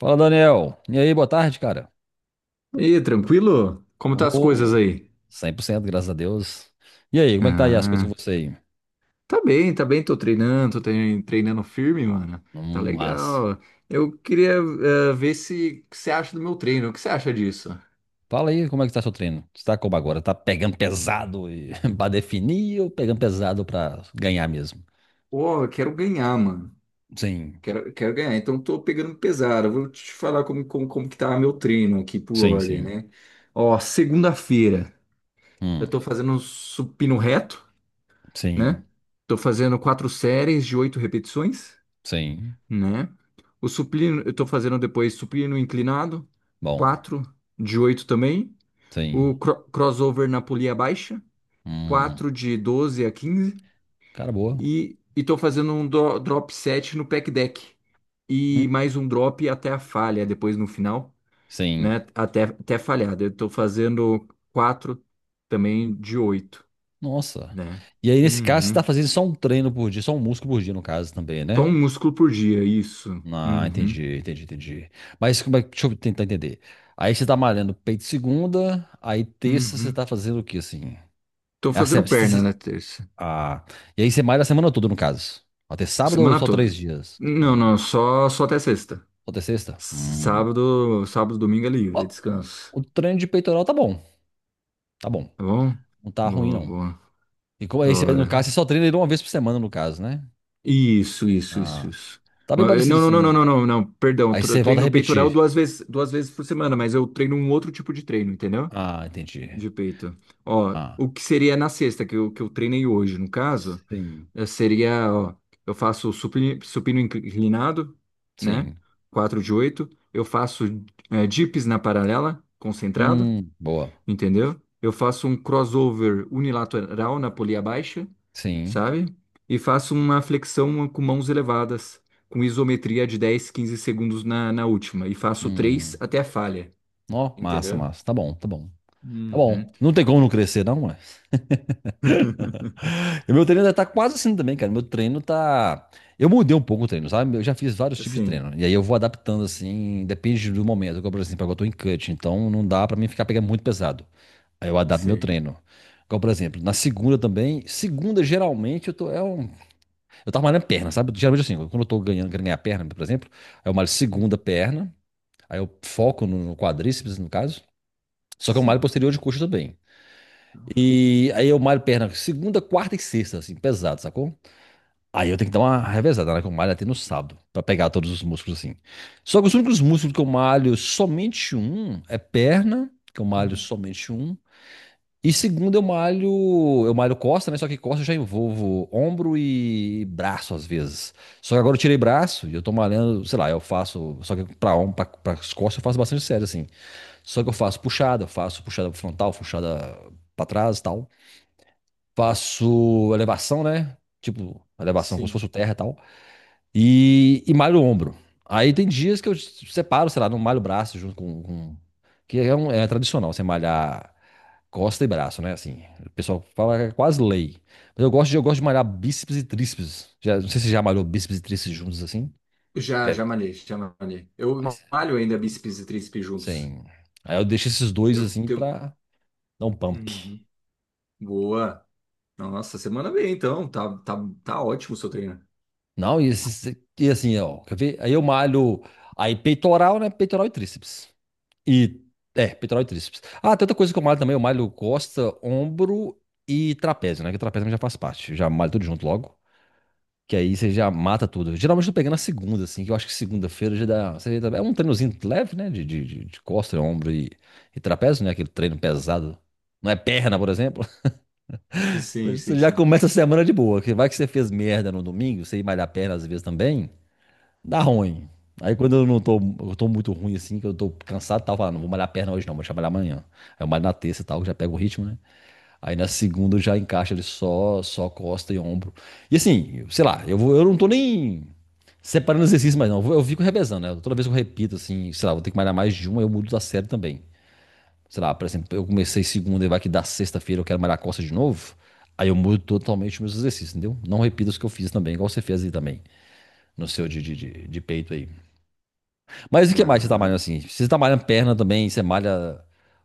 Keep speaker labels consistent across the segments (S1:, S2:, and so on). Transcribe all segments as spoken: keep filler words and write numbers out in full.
S1: Fala, Daniel. E aí, boa tarde, cara.
S2: E tranquilo? Como tá as coisas
S1: Oh,
S2: aí?
S1: cem por cento, graças a Deus. E aí, como é que tá aí as coisas
S2: Ah,
S1: com você aí?
S2: tá bem, tá bem, tô treinando, tô trein- treinando firme, mano. Tá
S1: Hum, massa.
S2: legal. Eu queria eh, ver se o que você acha do meu treino. O que você acha disso?
S1: Fala aí, como é que tá seu treino? Você tá como agora? Tá pegando pesado e pra definir ou pegando pesado pra ganhar mesmo?
S2: Pô, eu quero ganhar, mano.
S1: Sim,
S2: Quero, quero ganhar. Então tô pegando pesado. Eu vou te falar como, como, como que tá meu treino aqui por
S1: sim,
S2: ordem,
S1: sim.
S2: né? Ó, segunda-feira eu
S1: Hum,
S2: tô fazendo um supino reto,
S1: sim,
S2: né? Tô fazendo quatro séries de oito repetições,
S1: sim.
S2: né? O supino, eu tô fazendo depois supino inclinado,
S1: Bom,
S2: quatro de oito também.
S1: sim.
S2: O cro- crossover na polia baixa,
S1: Hum,
S2: quatro de doze a quinze.
S1: cara, boa.
S2: E, e tô fazendo um dro- drop sete no pec deck.
S1: Hum,
S2: E mais um drop até a falha, depois no final,
S1: sim.
S2: né? Até, até falhar. Eu tô fazendo quatro também de oito,
S1: Nossa.
S2: né?
S1: E aí, nesse caso, você tá
S2: Uhum.
S1: fazendo só um treino por dia, só um músculo por dia, no caso, também,
S2: Só
S1: né?
S2: um músculo por dia, isso.
S1: Ah,
S2: Uhum.
S1: entendi, entendi, entendi. Mas como é que- deixa eu tentar entender. Aí você tá malhando peito segunda, aí terça você
S2: Uhum.
S1: tá fazendo o que assim?
S2: Tô
S1: É a
S2: fazendo
S1: semana.
S2: perna na terça.
S1: Ah, e aí você malha a semana toda, no caso. Até sábado ou
S2: Semana
S1: só três
S2: toda.
S1: dias?
S2: Não,
S1: Hum.
S2: não, só, só até sexta.
S1: Ou até sexta? Hum.
S2: Sábado, sábado, domingo é
S1: Ó,
S2: livre, é descanso.
S1: o treino de peitoral tá bom, tá bom.
S2: Tá bom?
S1: Não tá ruim,
S2: Boa,
S1: não.
S2: boa.
S1: E como
S2: Da
S1: aí, você, no
S2: hora.
S1: caso, você só treina ele uma vez por semana, no caso, né?
S2: Isso, isso, isso,
S1: Ah,
S2: isso.
S1: tá bem
S2: Ma- eh,
S1: parecido
S2: Não, não, não, não,
S1: assim.
S2: não, não, não. Perdão,
S1: Aí
S2: tre-
S1: você volta a
S2: treino peitoral
S1: repetir.
S2: duas vezes, duas vezes por semana, mas eu treino um outro tipo de treino, entendeu?
S1: Ah, entendi.
S2: De peito. Ó,
S1: Ah,
S2: o que seria na sexta, que eu, que eu treinei hoje, no caso.
S1: sim,
S2: Eh, Seria, ó, eu faço supino, supino inclinado, né?
S1: sim.
S2: Quatro de oito. Eu faço eh, dips na paralela, concentrado,
S1: Hum, boa.
S2: entendeu? Eu faço um crossover unilateral na polia baixa,
S1: Sim.
S2: sabe? E faço uma flexão com mãos elevadas, com isometria de dez quinze segundos na, na última. E faço três
S1: Hum.
S2: até a falha,
S1: Ó, massa,
S2: entendeu?
S1: massa. Tá bom, tá bom. Tá
S2: Uhum.
S1: bom. Não tem como não crescer, não, ué. E meu treino já tá quase assim também, cara. Meu treino tá. Eu mudei um pouco o treino, sabe? Eu já fiz vários tipos de
S2: Sim,
S1: treino. E aí eu vou adaptando, assim, depende do momento. Igual, por exemplo, agora eu tô em cut, então não dá pra mim ficar pegando muito pesado. Aí eu adapto meu
S2: sei.
S1: treino. Igual, por exemplo, na segunda também. Segunda, geralmente, eu tô. É um. Eu tava malhando perna, sabe? Geralmente assim, quando eu tô ganhando, querendo ganhar perna, por exemplo, aí eu malho segunda
S2: Hum.
S1: perna. Aí eu foco no no quadríceps, no caso. Só que é um malho
S2: Sim.
S1: posterior de coxa também. E
S2: Ah,
S1: aí eu malho perna segunda, quarta e sexta, assim, pesado, sacou? Aí eu tenho que dar uma revezada, né? Que eu malho até no sábado, pra pegar todos os músculos, assim. Só que os únicos músculos que eu malho somente um é perna, que eu malho
S2: hum.
S1: somente um. E segunda eu malho, eu malho costa, né? Só que costa eu já envolvo ombro e braço às vezes. Só que agora eu tirei braço e eu tô malhando, sei lá, eu faço, só que pra ombro, pra, pras costas eu faço bastante sério, assim. Só que eu faço puxada, eu faço puxada frontal, puxada pra trás e tal. Faço elevação, né? Tipo, elevação como se fosse
S2: Sim.
S1: o terra e tal. E, e malho o ombro. Aí tem dias que eu separo, sei lá, não malho o braço junto com, com- Que é, um- é tradicional, você malhar costa e braço, né? Assim, o pessoal fala que é quase lei. Mas eu gosto de, eu gosto de malhar bíceps e tríceps. Já, não sei se você já malhou bíceps e tríceps juntos assim.
S2: Já,
S1: Já. Vi.
S2: já malhei, já malhei. Eu
S1: Mas,
S2: malho ainda bíceps e tríceps juntos.
S1: sim. Aí eu deixo esses dois
S2: Eu
S1: assim
S2: tenho.
S1: pra dar um pump.
S2: Uhum. Boa. Nossa, semana bem, então. Tá, tá, tá ótimo o seu treino.
S1: Não. E, esses- e assim, ó, quer ver? Aí eu malho aí peitoral, né? Peitoral e tríceps. E é, peitoral e tríceps. Ah, tem outra coisa que eu malho também, eu malho costa, ombro e trapézio, né? Que o trapézio já faz parte. Já malho tudo junto logo. Que aí você já mata tudo. Geralmente eu tô pegando na segunda, assim, que eu acho que segunda-feira já dá. você já dá- É um treinozinho leve, né? De, de, de de costa, ombro e, e trapézio, né? Aquele treino pesado. Não é perna, por exemplo. Então
S2: Sim, sim,
S1: você já
S2: sim.
S1: começa a semana de boa. Que vai que você fez merda no domingo, você ir malhar perna às vezes também. Dá ruim. Aí quando eu não tô, eu tô muito ruim assim, que eu tô cansado, tal, eu falo, não vou malhar a perna hoje não, vou trabalhar amanhã. Aí eu malho na terça e tal, já pego o ritmo, né? Aí na segunda eu já encaixa ele só, só costa e ombro. E assim, sei lá, eu vou, eu não tô nem separando exercício mais não, eu vou- eu fico revezando, né? Toda vez que eu repito assim, sei lá, vou ter que malhar mais de uma, eu mudo da série também. Sei lá, por exemplo, eu comecei segunda e vai que da sexta-feira eu quero malhar costa de novo, aí eu mudo totalmente os meus exercícios, entendeu? Não repito os que eu fiz também, igual você fez aí também, no seu de, de, de de peito aí. Mas o que mais você tá
S2: Ah,
S1: malhando assim? Você tá malhando perna também, você malha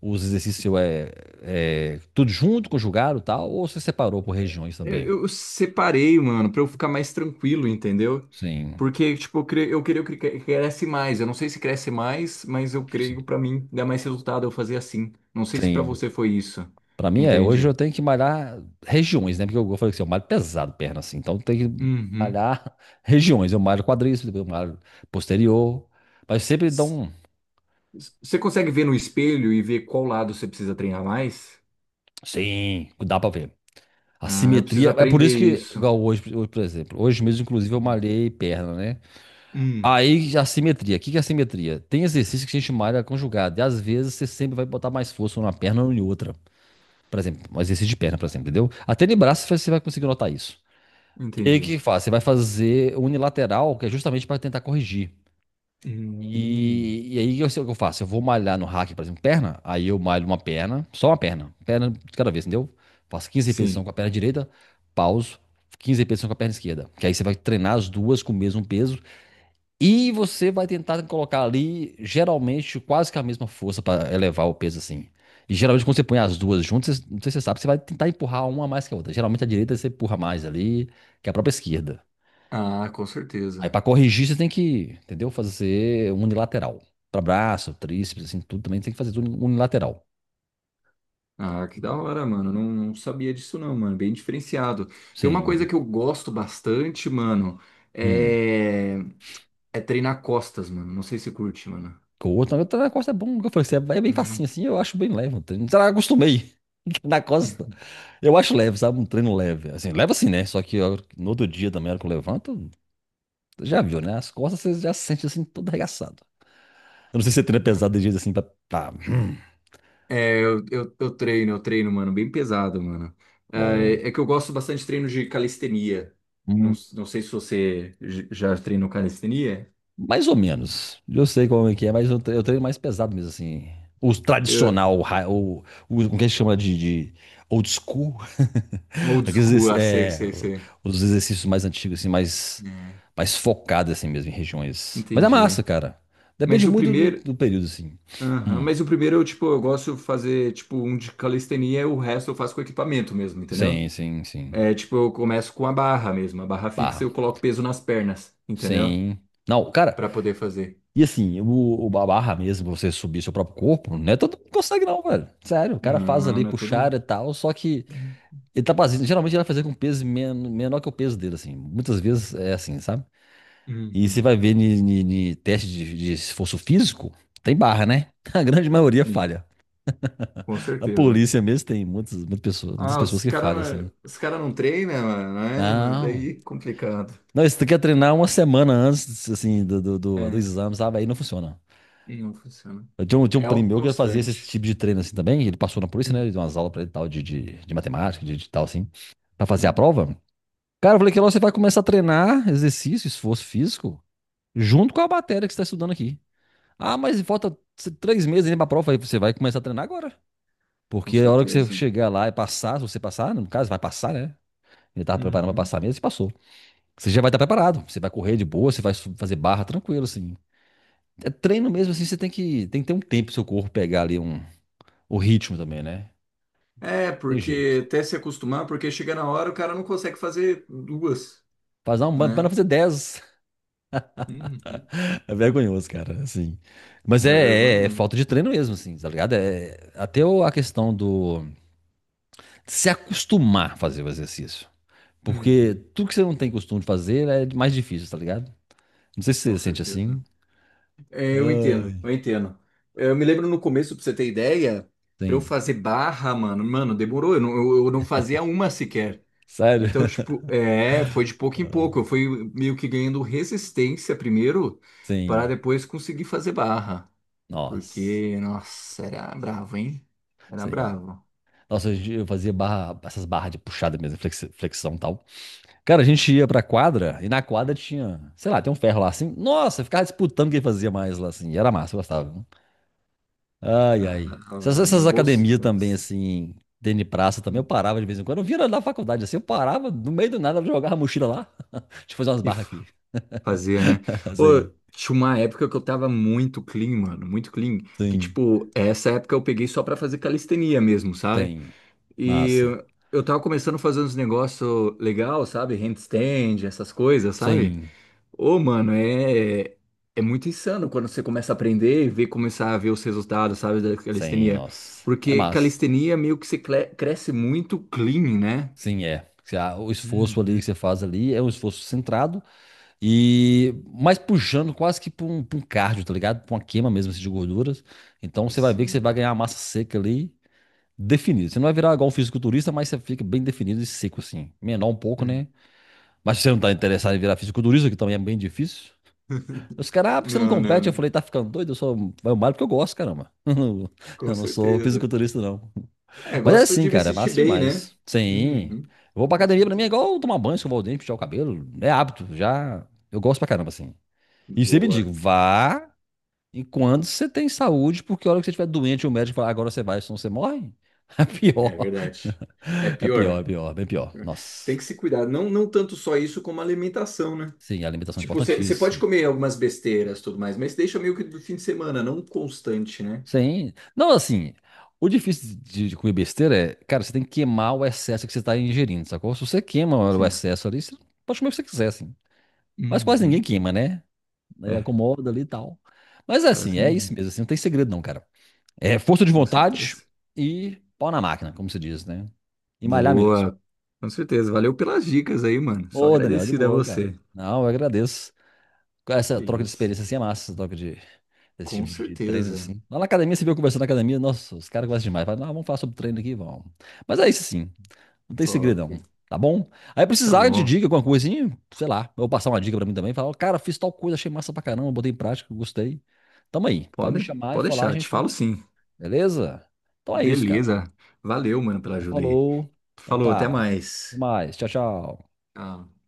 S1: os exercícios seu é, é tudo junto, conjugado e tal, ou você separou por regiões também?
S2: eu, eu separei, mano, pra eu ficar mais tranquilo, entendeu?
S1: Sim,
S2: Porque, tipo, eu, cre... eu queria que cre- cresce mais. Eu não sei se cresce mais, mas eu
S1: sim,
S2: creio pra mim dá mais resultado eu fazer assim. Não sei se pra
S1: sim.
S2: você foi isso.
S1: Pra mim é, hoje eu
S2: Entende?
S1: tenho que malhar regiões, né? Porque eu, eu falei assim, eu malho pesado perna assim, então tem que
S2: Uhum.
S1: malhar regiões. Eu malho quadríceps, depois eu malho posterior, mas sempre dá um.
S2: Você consegue ver no espelho e ver qual lado você precisa treinar mais?
S1: Sim, dá pra ver. A
S2: Ah, eu preciso
S1: simetria, é por
S2: aprender
S1: isso que,
S2: isso.
S1: igual hoje, hoje, por exemplo, hoje mesmo, inclusive, eu
S2: Hum.
S1: malhei perna, né?
S2: Hum,
S1: Aí, assimetria. O que que é assimetria? Tem exercício que a gente chama de área conjugada. E às vezes você sempre vai botar mais força numa perna ou em outra. Por exemplo, um exercício de perna, por exemplo, entendeu? Até de braço você vai conseguir notar isso. E aí o que
S2: entendi.
S1: que faz? Você vai fazer unilateral, que é justamente para tentar corrigir.
S2: Hum,
S1: E, e aí eu sei o que eu faço. Eu vou malhar no hack, por exemplo, perna. Aí eu malho uma perna, só uma perna. Perna de cada vez, entendeu? Faço quinze repetições com a
S2: sim.
S1: perna direita, pauso, quinze repetições com a perna esquerda. Que aí você vai treinar as duas com o mesmo peso e você vai tentar colocar ali, geralmente, quase que a mesma força para elevar o peso assim. E geralmente, quando você põe as duas juntas, você- não sei se você sabe, você vai tentar empurrar uma mais que a outra. Geralmente, a direita você empurra mais ali que a própria esquerda.
S2: Ah, com
S1: Aí,
S2: certeza.
S1: para corrigir, você tem que, entendeu? Fazer unilateral. Para braço, tríceps, assim, tudo também tem que fazer tudo unilateral.
S2: Ah, que da hora, mano. Não, não sabia disso não, mano. Bem diferenciado. Tem uma coisa
S1: Sim.
S2: que eu gosto bastante, mano,
S1: Hum.
S2: é, é treinar costas, mano. Não sei se curte, mano.
S1: Com o outro, na outra na costa é bom. Como eu falei, assim, é é bem facinho
S2: Hum.
S1: assim, eu acho bem leve. Não, sei lá, acostumei. Na costa. Eu acho leve, sabe? Um treino leve. Assim, leva assim, né? Só que eu- no outro dia também, na hora que eu levanto, já viu, né? As costas você já sente assim, todo arregaçado. Eu não sei se você treina pesado de jeito assim pra. Tá, hum,
S2: É, eu, eu, eu treino, eu treino, mano, bem pesado, mano.
S1: bom.
S2: É, é que eu gosto bastante de treino de calistenia. Não,
S1: Hum.
S2: não sei se você j- já treinou calistenia.
S1: Mais ou menos. Eu sei como é que é, mas eu, tre- eu treino mais pesado mesmo, assim. O
S2: Eu,
S1: tradicional, o, ra- o, o- como que a gente chama de, de old school?
S2: old
S1: Aqueles,
S2: school,
S1: exerc-
S2: ah, sei,
S1: é,
S2: sei, sei.
S1: os exercícios mais antigos, assim, mais,
S2: É,
S1: mais focados, assim mesmo, em regiões. Mas é massa,
S2: entendi.
S1: cara. Depende
S2: Mas o
S1: muito do,
S2: primeiro.
S1: do período, assim.
S2: Aham,
S1: Hum.
S2: mas o primeiro eu, tipo, eu gosto de fazer, tipo, um de calistenia e o resto eu faço com equipamento mesmo, entendeu?
S1: Sim, sim, sim.
S2: É, tipo, eu começo com a barra mesmo, a barra fixa
S1: Barra.
S2: eu coloco peso nas pernas, entendeu?
S1: Sim. Não, cara,
S2: Pra poder fazer.
S1: e assim, o, o ba- barra mesmo, você subir seu próprio corpo, não é todo mundo que consegue, não, velho. Sério, o cara faz
S2: Não,
S1: ali
S2: não é todo
S1: puxar
S2: não.
S1: e tal, só que.
S2: Uhum.
S1: Ele tá fazendo, geralmente ele vai fazer com peso men- menor que o peso dele, assim. Muitas vezes é assim, sabe? E você
S2: Uhum.
S1: vai ver ni, ni- ni teste de, de esforço físico, tem barra, né? A grande maioria
S2: Sim.
S1: falha.
S2: Com
S1: A
S2: certeza.
S1: polícia mesmo tem muitas, muitas pessoas, muitas
S2: Ah, os
S1: pessoas que falham,
S2: cara,
S1: assim.
S2: os cara não treinam, mano, né?
S1: Não.
S2: Daí é complicado.
S1: Não, isso tu quer treinar uma semana antes, assim, do, do, do- do
S2: É,
S1: exame, sabe? Aí não funciona.
S2: e não funciona.
S1: Eu tinha um, tinha um
S2: É algo
S1: primo meu que ele fazia esse
S2: constante.
S1: tipo de treino assim também. Ele passou na polícia, né? Ele
S2: Hum.
S1: deu umas aulas pra ele e tal, de, de, de matemática, de, de tal, assim, pra fazer a
S2: Hum,
S1: prova. Cara, eu falei que lá você vai começar a treinar exercício, esforço físico, junto com a matéria que você está estudando aqui. Ah, mas falta t- três meses ainda para a prova. Aí você vai começar a treinar agora.
S2: com
S1: Porque a hora que você
S2: certeza.
S1: chegar lá e passar, se você passar, no caso, vai passar, né? Ele tava preparando para
S2: Uhum.
S1: passar mesmo, você passou. Você já vai estar preparado. Você vai correr de boa, você vai su- fazer barra tranquilo, assim. É treino mesmo, assim, você tem que, tem que ter um tempo pro seu corpo pegar ali um, o ritmo também, né?
S2: É,
S1: Tem jeito.
S2: porque até se acostumar, porque chega na hora o cara não consegue fazer duas,
S1: Fazer um, para
S2: né?
S1: fazer dez.
S2: Uhum.
S1: É vergonhoso, cara, assim. Mas
S2: É
S1: é, é-
S2: vergonha,
S1: é
S2: né?
S1: falta de treino mesmo, assim, tá ligado? É, até o- a questão do de se acostumar a fazer o exercício. Porque
S2: Uhum.
S1: tudo que você não tem costume de fazer é mais difícil, tá ligado? Não sei se
S2: Com
S1: você sente
S2: certeza.
S1: assim.
S2: É, eu
S1: Ai.
S2: entendo, eu entendo. Eu me lembro no começo, pra você ter ideia, pra eu
S1: Sim.
S2: fazer barra, mano, mano, demorou. Eu não, eu eu não fazia uma sequer.
S1: Sério?
S2: Então, tipo, é, foi de pouco em pouco. Eu fui meio que ganhando resistência primeiro, para
S1: Sim.
S2: depois conseguir fazer barra.
S1: Nossa.
S2: Porque, nossa, era bravo, hein? Era
S1: Sim.
S2: bravo.
S1: Nossa, a gente- eu fazia barra, essas barras de puxada mesmo, flexi- flexão e tal. Cara, a gente ia pra quadra e na quadra tinha, sei lá, tem um ferro lá assim. Nossa, eu ficava disputando quem fazia mais lá assim. E era massa, eu gostava. Ai,
S2: Na na
S1: ai. Essas,
S2: hora,
S1: essas
S2: mano, bolso.
S1: academias também, assim, tênis de praça também, eu
S2: Hum.
S1: parava de vez em quando. Eu vinha na faculdade, assim, eu parava, no meio do nada, eu jogava a mochila lá. Deixa eu fazer umas
S2: E
S1: barras
S2: f-
S1: aqui.
S2: fazia, né? Ô,
S1: Sim,
S2: tinha uma época que eu tava muito clean, mano, muito clean. Que,
S1: sim,
S2: tipo, essa época eu peguei só pra fazer calistenia mesmo, sabe?
S1: sim.
S2: E
S1: Massa.
S2: eu tava começando a fazer uns negócios legal, sabe? Handstand, essas coisas, sabe?
S1: Sim,
S2: Ô, mano, é, é muito insano quando você começa a aprender e ver, começar a ver os resultados, sabe, da
S1: sim,
S2: calistenia.
S1: nossa. É
S2: Porque
S1: massa.
S2: calistenia meio que você cle- cresce muito clean, né?
S1: Sim, é. Se a- O esforço ali que
S2: Uhum.
S1: você faz ali é um esforço centrado e mais puxando quase que para um, pra um cardio, tá ligado? Para uma queima mesmo assim, de gorduras. Então você vai ver que você
S2: Assim.
S1: vai ganhar massa seca ali definido. Você não vai virar igual um fisiculturista, mas você fica bem definido e seco, assim. Menor um pouco,
S2: Hum.
S1: né? Mas se você não tá interessado em virar fisiculturista, que também é bem difícil. Os caras, ah, porque você não
S2: Não, não,
S1: compete? Eu
S2: não.
S1: falei, tá ficando doido? Eu só vai o malho porque eu gosto, caramba.
S2: Com
S1: Eu não sou
S2: certeza.
S1: fisiculturista, não.
S2: É,
S1: Mas é
S2: gosto
S1: assim,
S2: de me
S1: cara, é
S2: sentir
S1: massa
S2: bem, né?
S1: demais. Sim.
S2: Uhum.
S1: Eu vou pra
S2: Com
S1: academia, pra mim é
S2: certeza.
S1: igual tomar banho, escovar o dente, puxar o cabelo. É hábito, já. Eu gosto pra caramba, assim. E sempre digo,
S2: Boa.
S1: vá enquanto você tem saúde, porque a hora que você estiver doente, o médico fala, agora você vai, senão você morre. É
S2: É
S1: pior.
S2: verdade. É
S1: É pior, é
S2: pior.
S1: pior, bem pior.
S2: Tem
S1: Nossa.
S2: que se cuidar. Não, não tanto só isso como a alimentação, né?
S1: Sim, a alimentação é
S2: Tipo, você pode
S1: importantíssima.
S2: comer algumas besteiras e tudo mais, mas deixa meio que do fim de semana, não constante, né?
S1: Sim. Não, assim, o difícil de, de comer besteira é, cara, você tem que queimar o excesso que você está ingerindo, sacou? Se você queima o
S2: Sim.
S1: excesso ali, você pode comer o que você quiser, assim. Mas quase ninguém
S2: Uhum.
S1: queima, né? Aí
S2: É,
S1: acomoda ali e tal. Mas é assim,
S2: quase
S1: é isso
S2: nenhum,
S1: mesmo, assim, não tem segredo não, cara. É força de
S2: com
S1: vontade
S2: certeza.
S1: e pau na máquina, como se diz, né? E malhar mesmo.
S2: Boa, com certeza. Valeu pelas dicas aí, mano. Sou
S1: Ô, Daniel, de
S2: agradecido a
S1: boa, cara.
S2: você.
S1: Não, eu agradeço. Essa
S2: É
S1: troca de
S2: isso,
S1: experiência assim é massa, essa troca de. Esse
S2: com
S1: tipo de, de treinos
S2: certeza.
S1: assim. Lá na academia, você viu eu conversando na academia, nossa, os caras gostam demais. Fala, ah, vamos falar sobre treino aqui, vamos. Mas é isso sim, não tem
S2: Top.
S1: segredão, tá bom? Aí
S2: Tá
S1: precisar de
S2: bom.
S1: dica, alguma coisa assim, sei lá, eu vou passar uma dica pra mim também, falar, ó, cara, fiz tal coisa, achei massa pra caramba, botei em prática, gostei. Tamo aí, pode me
S2: Pode,
S1: chamar e
S2: pode
S1: falar,
S2: deixar, te
S1: gente,
S2: falo sim.
S1: beleza? Então é isso, cara.
S2: Beleza. Valeu, mano, pela
S1: Então
S2: ajuda aí.
S1: falou, então
S2: Falou, até
S1: tá, até
S2: mais.
S1: mais, tchau, tchau.
S2: Ah.